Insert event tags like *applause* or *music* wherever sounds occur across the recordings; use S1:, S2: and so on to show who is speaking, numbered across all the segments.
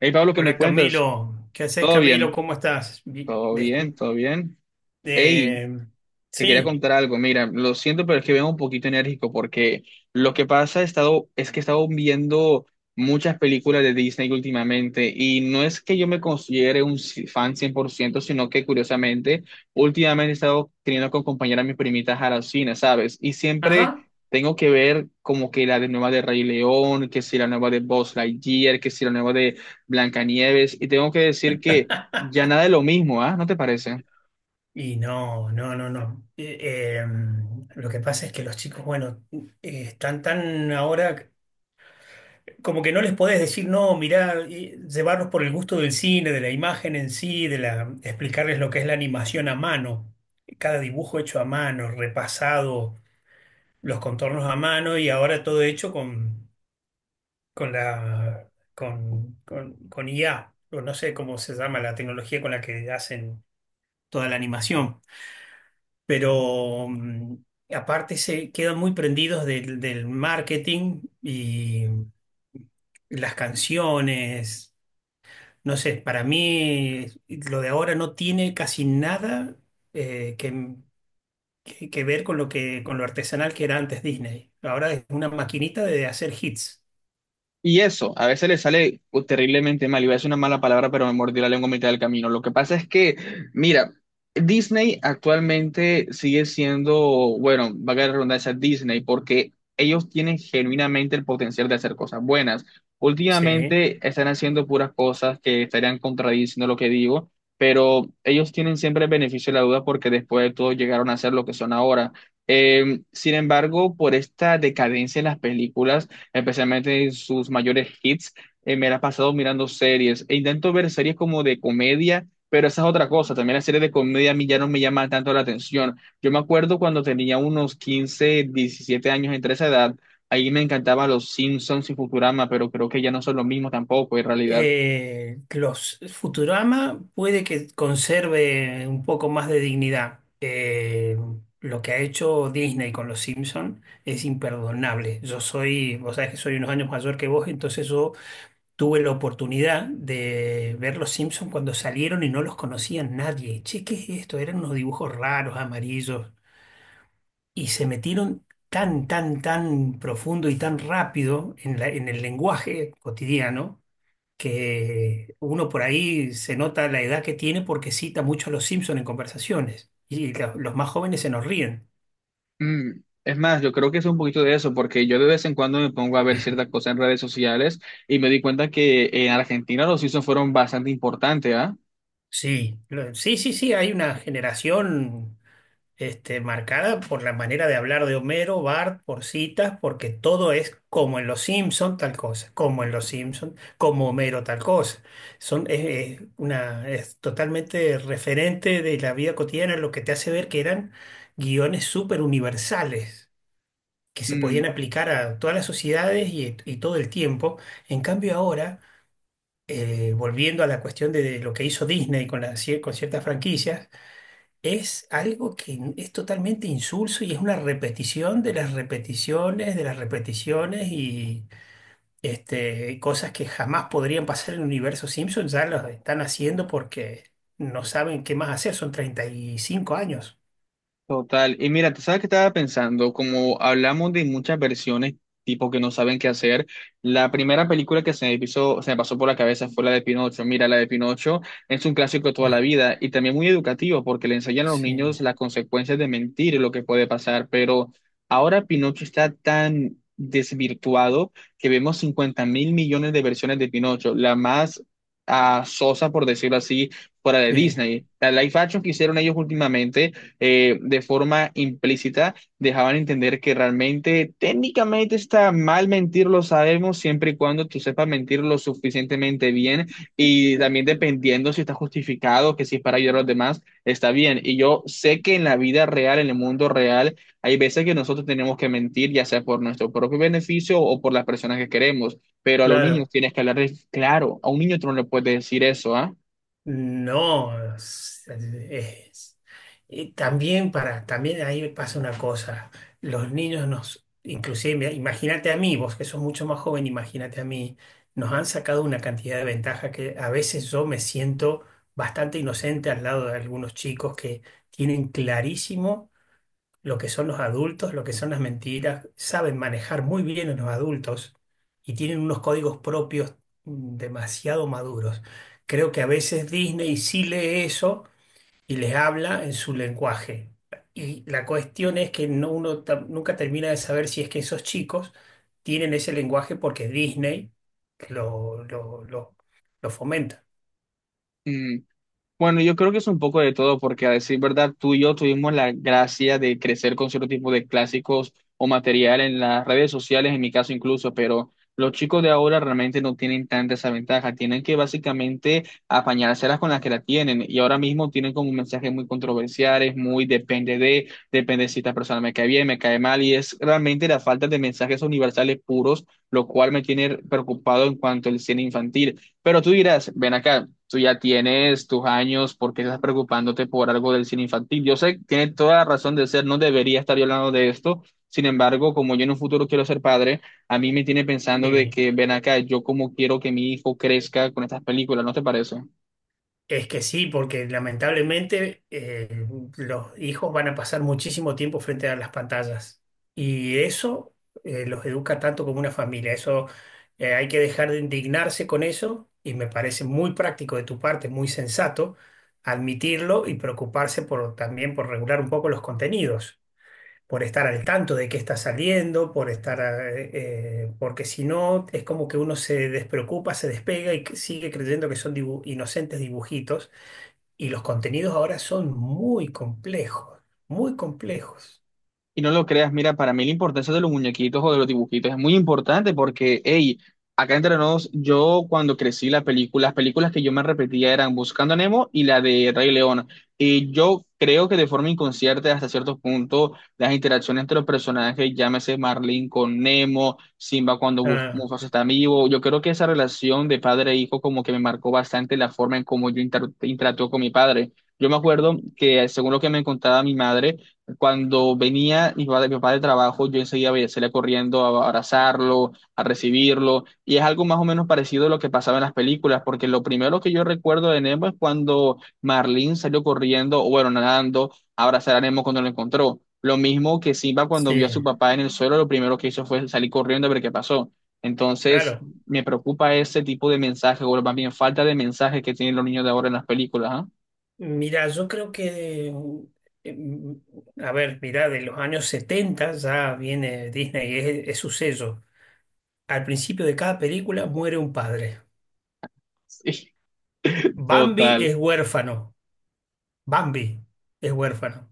S1: Hey Pablo, ¿qué me
S2: Hola
S1: cuentas?
S2: Camilo, ¿qué haces
S1: ¿Todo
S2: Camilo?
S1: bien?
S2: ¿Cómo estás? Vi-
S1: ¿Todo
S2: ¿Me escu-
S1: bien? ¿Todo bien? Hey,
S2: eh,
S1: te quería
S2: sí.
S1: contar algo, mira, lo siento, pero es que vengo un poquito enérgico porque lo que pasa es que he estado viendo muchas películas de Disney últimamente y no es que yo me considere un fan 100%, sino que curiosamente últimamente he estado teniendo que acompañar a mis primitas a la cine, ¿sabes? Y siempre
S2: Ajá.
S1: tengo que ver como que la de nueva de Rey León, que si la nueva de Buzz Lightyear, que si la nueva de Blancanieves y tengo que decir que ya nada es lo mismo, ¿ah? ¿No te parece?
S2: No, no, no, no. Eh, lo que pasa es que los chicos, bueno, están tan ahora como que no les podés decir, no, mirá, y llevarlos por el gusto del cine, de la imagen en sí, de la, explicarles lo que es la animación a mano, cada dibujo hecho a mano, repasado, los contornos a mano y ahora todo hecho con la con, con IA, o no sé cómo se llama la tecnología con la que hacen toda la animación, pero aparte se quedan muy prendidos del marketing y las canciones, no sé, para mí lo de ahora no tiene casi nada eh, que, que ver con lo con lo artesanal que era antes Disney. Ahora es una maquinita de hacer hits.
S1: Y eso, a veces le sale terriblemente mal. Iba a decir una mala palabra, pero me mordí la lengua a mitad del camino. Lo que pasa es que, mira, Disney actualmente sigue siendo, bueno, va a la redundancia Disney, porque ellos tienen genuinamente el potencial de hacer cosas buenas.
S2: Sí.
S1: Últimamente están haciendo puras cosas que estarían contradiciendo lo que digo, pero ellos tienen siempre el beneficio de la duda porque después de todo llegaron a ser lo que son ahora. Sin embargo, por esta decadencia en las películas, especialmente en sus mayores hits, me la he pasado mirando series e intento ver series como de comedia, pero esa es otra cosa, también las series de comedia a mí ya no me llaman tanto la atención. Yo me acuerdo cuando tenía unos 15, 17 años entre esa edad, ahí me encantaban los Simpsons y Futurama, pero creo que ya no son lo mismo tampoco en realidad.
S2: Los Futurama puede que conserve un poco más de dignidad. Lo que ha hecho Disney con los Simpson es imperdonable. Yo soy, vos sabés que soy unos años mayor que vos, entonces yo tuve la oportunidad de ver los Simpson cuando salieron y no los conocía nadie. Che, ¿qué es esto? Eran unos dibujos raros, amarillos, y se metieron tan, tan, tan profundo y tan rápido en la- en el lenguaje cotidiano que uno por ahí se nota la edad que tiene porque cita mucho a los Simpson en conversaciones y lo- los más jóvenes se nos ríen.
S1: Es más, yo creo que es un poquito de eso, porque yo de vez en cuando me pongo a ver ciertas cosas en redes sociales y me di cuenta que en Argentina los Simpsons fueron bastante importantes, ¿ah?
S2: Sí, lo- sí, sí, sí, hay una generación este, marcada por la manera de hablar de Homero, Bart, por citas, porque todo es como en los Simpson tal cosa, como en los Simpson, como Homero tal cosa. Son, es una, es totalmente referente de la vida cotidiana, lo que te hace ver que eran guiones súper universales, que se
S1: Mm.
S2: podían aplicar a todas las sociedades y todo el tiempo. En cambio ahora, volviendo a la cuestión de lo que hizo Disney con, las cier- con ciertas franquicias, es algo que n- es totalmente insulso y es una repetición de las repeticiones y este, cosas que jamás podrían pasar en el universo Simpson, ya las están haciendo porque no saben qué más hacer, son 35 años.
S1: Total. Y mira, tú sabes que estaba pensando, como hablamos de muchas versiones, tipo que no saben qué hacer, la primera película que se me pasó por la cabeza fue la de Pinocho. Mira, la de Pinocho es un clásico de toda la
S2: Ah,
S1: vida y también muy educativo porque le enseñan a los
S2: sí,
S1: niños las consecuencias de mentir y lo que puede pasar. Pero ahora Pinocho está tan desvirtuado que vemos 50 mil millones de versiones de Pinocho. La más sosa, por decirlo así, fuera de
S2: sí,
S1: Disney. La live action que hicieron ellos últimamente de forma implícita dejaban entender que realmente técnicamente está mal mentir, lo sabemos, siempre y cuando tú sepas mentir lo suficientemente bien y también dependiendo si está justificado, que si es para ayudar a los demás, está bien. Y yo sé que en la vida real, en el mundo real, hay veces que nosotros tenemos que mentir, ya sea por nuestro propio beneficio o por las personas que queremos, pero a los niños
S2: claro.
S1: tienes que hablarles claro, a un niño tú no le puedes decir eso, ¿ah?
S2: No, es- y también para, también ahí me pasa una cosa. Los niños nos, inclusive, mira, imagínate a mí, vos que sos mucho más joven, imagínate a mí, nos han sacado una cantidad de ventaja que a veces yo me siento bastante inocente al lado de algunos chicos que tienen clarísimo lo que son los adultos, lo que son las mentiras, saben manejar muy bien a los adultos y tienen unos códigos propios, demasiado maduros. Creo que a veces Disney sí lee eso y les habla en su lenguaje. Y la cuestión es que no, uno ta- nunca termina de saber si es que esos chicos tienen ese lenguaje porque Disney lo, lo, lo, lo fomenta.
S1: Mm. Bueno, yo creo que es un poco de todo, porque a decir verdad, tú y yo tuvimos la gracia de crecer con cierto tipo de clásicos o material en las redes sociales, en mi caso incluso, pero los chicos de ahora realmente no tienen tanta esa ventaja, tienen que básicamente apañárselas con las que la tienen, y ahora mismo tienen como mensajes muy controversiales, muy depende de, depende si esta persona me cae bien, me cae mal, y es realmente la falta de mensajes universales puros, lo cual me tiene preocupado en cuanto al cine infantil. Pero tú dirás, ven acá tú ya tienes tus años, ¿por qué estás preocupándote por algo del cine infantil? Yo sé, tiene toda la razón de ser, no debería estar yo hablando de esto. Sin embargo, como yo en un futuro quiero ser padre, a mí me tiene pensando de
S2: Sí.
S1: que ven acá, yo como quiero que mi hijo crezca con estas películas, ¿no te parece?
S2: Es que sí, porque lamentablemente los hijos van a pasar muchísimo tiempo frente a las pantallas y eso los educa tanto como una familia. Eso Hay que dejar de indignarse con eso y me parece muy práctico de tu parte, muy sensato admitirlo y preocuparse por, también por regular un poco los contenidos, por estar al tanto de qué está saliendo, por porque si no es como que uno se despreocupa, se despega y que sigue creyendo que son dibu- inocentes dibujitos y los contenidos ahora son muy complejos, muy complejos.
S1: Y no lo creas, mira, para mí la importancia de los muñequitos o de los dibujitos es muy importante porque, hey, acá entre nos, yo cuando crecí la película, las películas que yo me repetía eran Buscando a Nemo y la de Rey León. Y yo creo que de forma inconsciente, hasta cierto punto, las interacciones entre los personajes, llámese Marlin con Nemo, Simba cuando
S2: Ah,
S1: Mufasa está vivo, yo creo que esa relación de padre e hijo como que me marcó bastante la forma en cómo yo interactúo con mi padre. Yo me acuerdo que, según lo que me contaba mi madre, cuando venía mi papá de trabajo, yo enseguida salía corriendo a abrazarlo, a recibirlo, y es algo más o menos parecido a lo que pasaba en las películas, porque lo primero que yo recuerdo de Nemo es cuando Marlene salió corriendo, o bueno, nadando, a abrazar a Nemo cuando lo encontró. Lo mismo que Simba cuando vio a
S2: sí,
S1: su papá en el suelo, lo primero que hizo fue salir corriendo a ver qué pasó. Entonces,
S2: claro.
S1: me preocupa ese tipo de mensaje, o más bien falta de mensajes que tienen los niños de ahora en las películas, ¿ah? *laughs*
S2: Mira, yo creo que, mm, a ver, mira, de los años 70 ya viene Disney, es su sello. Al principio de cada película muere un padre.
S1: Sí,
S2: Bambi
S1: total.
S2: es huérfano, Bambi es huérfano.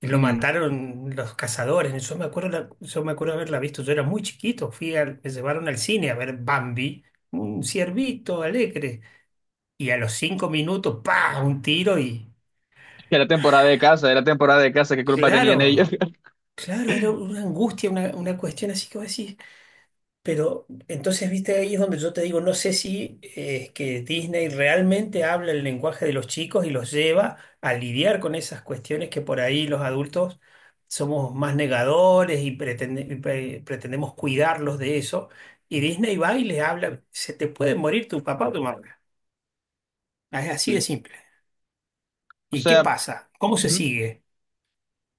S2: Y lo
S1: Mm.
S2: mataron los cazadores. Yo me acuerdo, la- yo me acuerdo haberla visto, yo era muy chiquito, fui al- me llevaron al cine a ver Bambi, un ciervito alegre. Y a los 5 minutos, ¡pa! Un tiro y...
S1: Que era temporada de casa, era temporada de casa, ¿qué culpa tenían ellos?
S2: Claro,
S1: *laughs*
S2: claro, era una angustia, una cuestión así que vos decís. Pero entonces, viste, ahí es donde yo te digo, no sé si es que Disney realmente habla el lenguaje de los chicos y los lleva a lidiar con esas cuestiones que por ahí los adultos somos más negadores y, pretende- y pre- pretendemos cuidarlos de eso. Y Disney va y les habla, se te puede morir tu papá o tu mamá. Es así de simple.
S1: O
S2: ¿Y qué
S1: sea,
S2: pasa? ¿Cómo se
S1: ujú.
S2: sigue?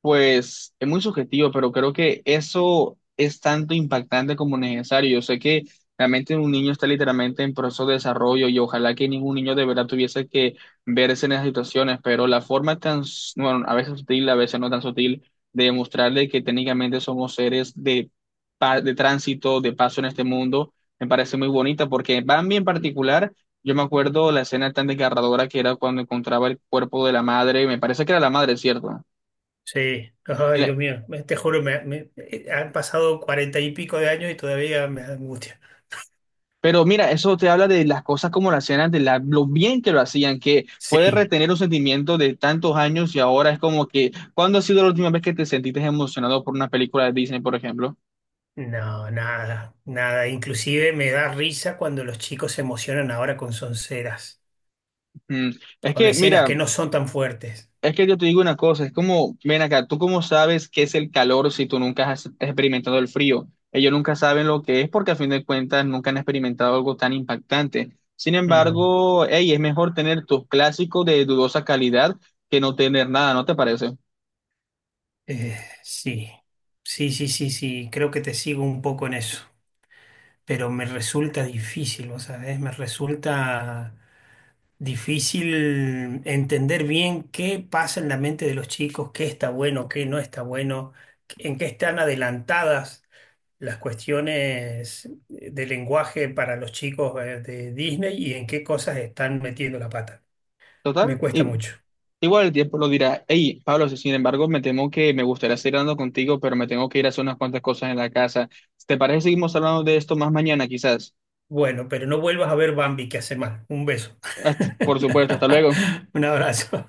S1: Pues es muy subjetivo, pero creo que eso es tanto impactante como necesario. Yo sé que realmente un niño está literalmente en proceso de desarrollo y ojalá que ningún niño de verdad tuviese que verse en esas situaciones, pero la forma tan, bueno, a veces sutil, a veces no tan sutil, de demostrarle que técnicamente somos seres de, de tránsito, de paso en este mundo, me parece muy bonita porque Bambi en particular. Yo me acuerdo la escena tan desgarradora que era cuando encontraba el cuerpo de la madre, me parece que era la madre, ¿cierto?
S2: Sí, ay, Dios mío, me- te juro, me- han pasado 40 y pico de años y todavía me da angustia.
S1: Pero mira, eso te habla de las cosas como las hacían antes, lo bien que lo hacían, que puedes
S2: Sí,
S1: retener un sentimiento de tantos años y ahora es como que, ¿cuándo ha sido la última vez que te sentiste emocionado por una película de Disney, por ejemplo?
S2: no, nada, nada. Inclusive me da risa cuando los chicos se emocionan ahora con sonceras,
S1: Mm. Es
S2: con
S1: que,
S2: escenas
S1: mira,
S2: que no son tan fuertes.
S1: es que yo te digo una cosa, es como, ven acá, ¿tú cómo sabes qué es el calor si tú nunca has experimentado el frío? Ellos nunca saben lo que es porque a fin de cuentas nunca han experimentado algo tan impactante. Sin
S2: Mm,
S1: embargo, hey, es mejor tener tus clásicos de dudosa calidad que no tener nada, ¿no te parece?
S2: eh, sí, sí, sí, sí, sí, creo que te sigo un poco en eso. Pero me resulta difícil, ¿vos sabés? Me resulta difícil entender bien qué pasa en la mente de los chicos, qué está bueno, qué no está bueno, en qué están adelantadas las cuestiones de lenguaje para los chicos de Disney y en qué cosas están metiendo la pata.
S1: Total,
S2: Me cuesta mucho.
S1: igual el tiempo lo dirá. Hey, Pablo, sin embargo, me temo que me gustaría seguir hablando contigo, pero me tengo que ir a hacer unas cuantas cosas en la casa. ¿Te parece que seguimos hablando de esto más mañana, quizás?
S2: Bueno, pero no vuelvas a ver Bambi que hace mal. Un beso.
S1: Por supuesto, hasta luego.
S2: *laughs* Un abrazo.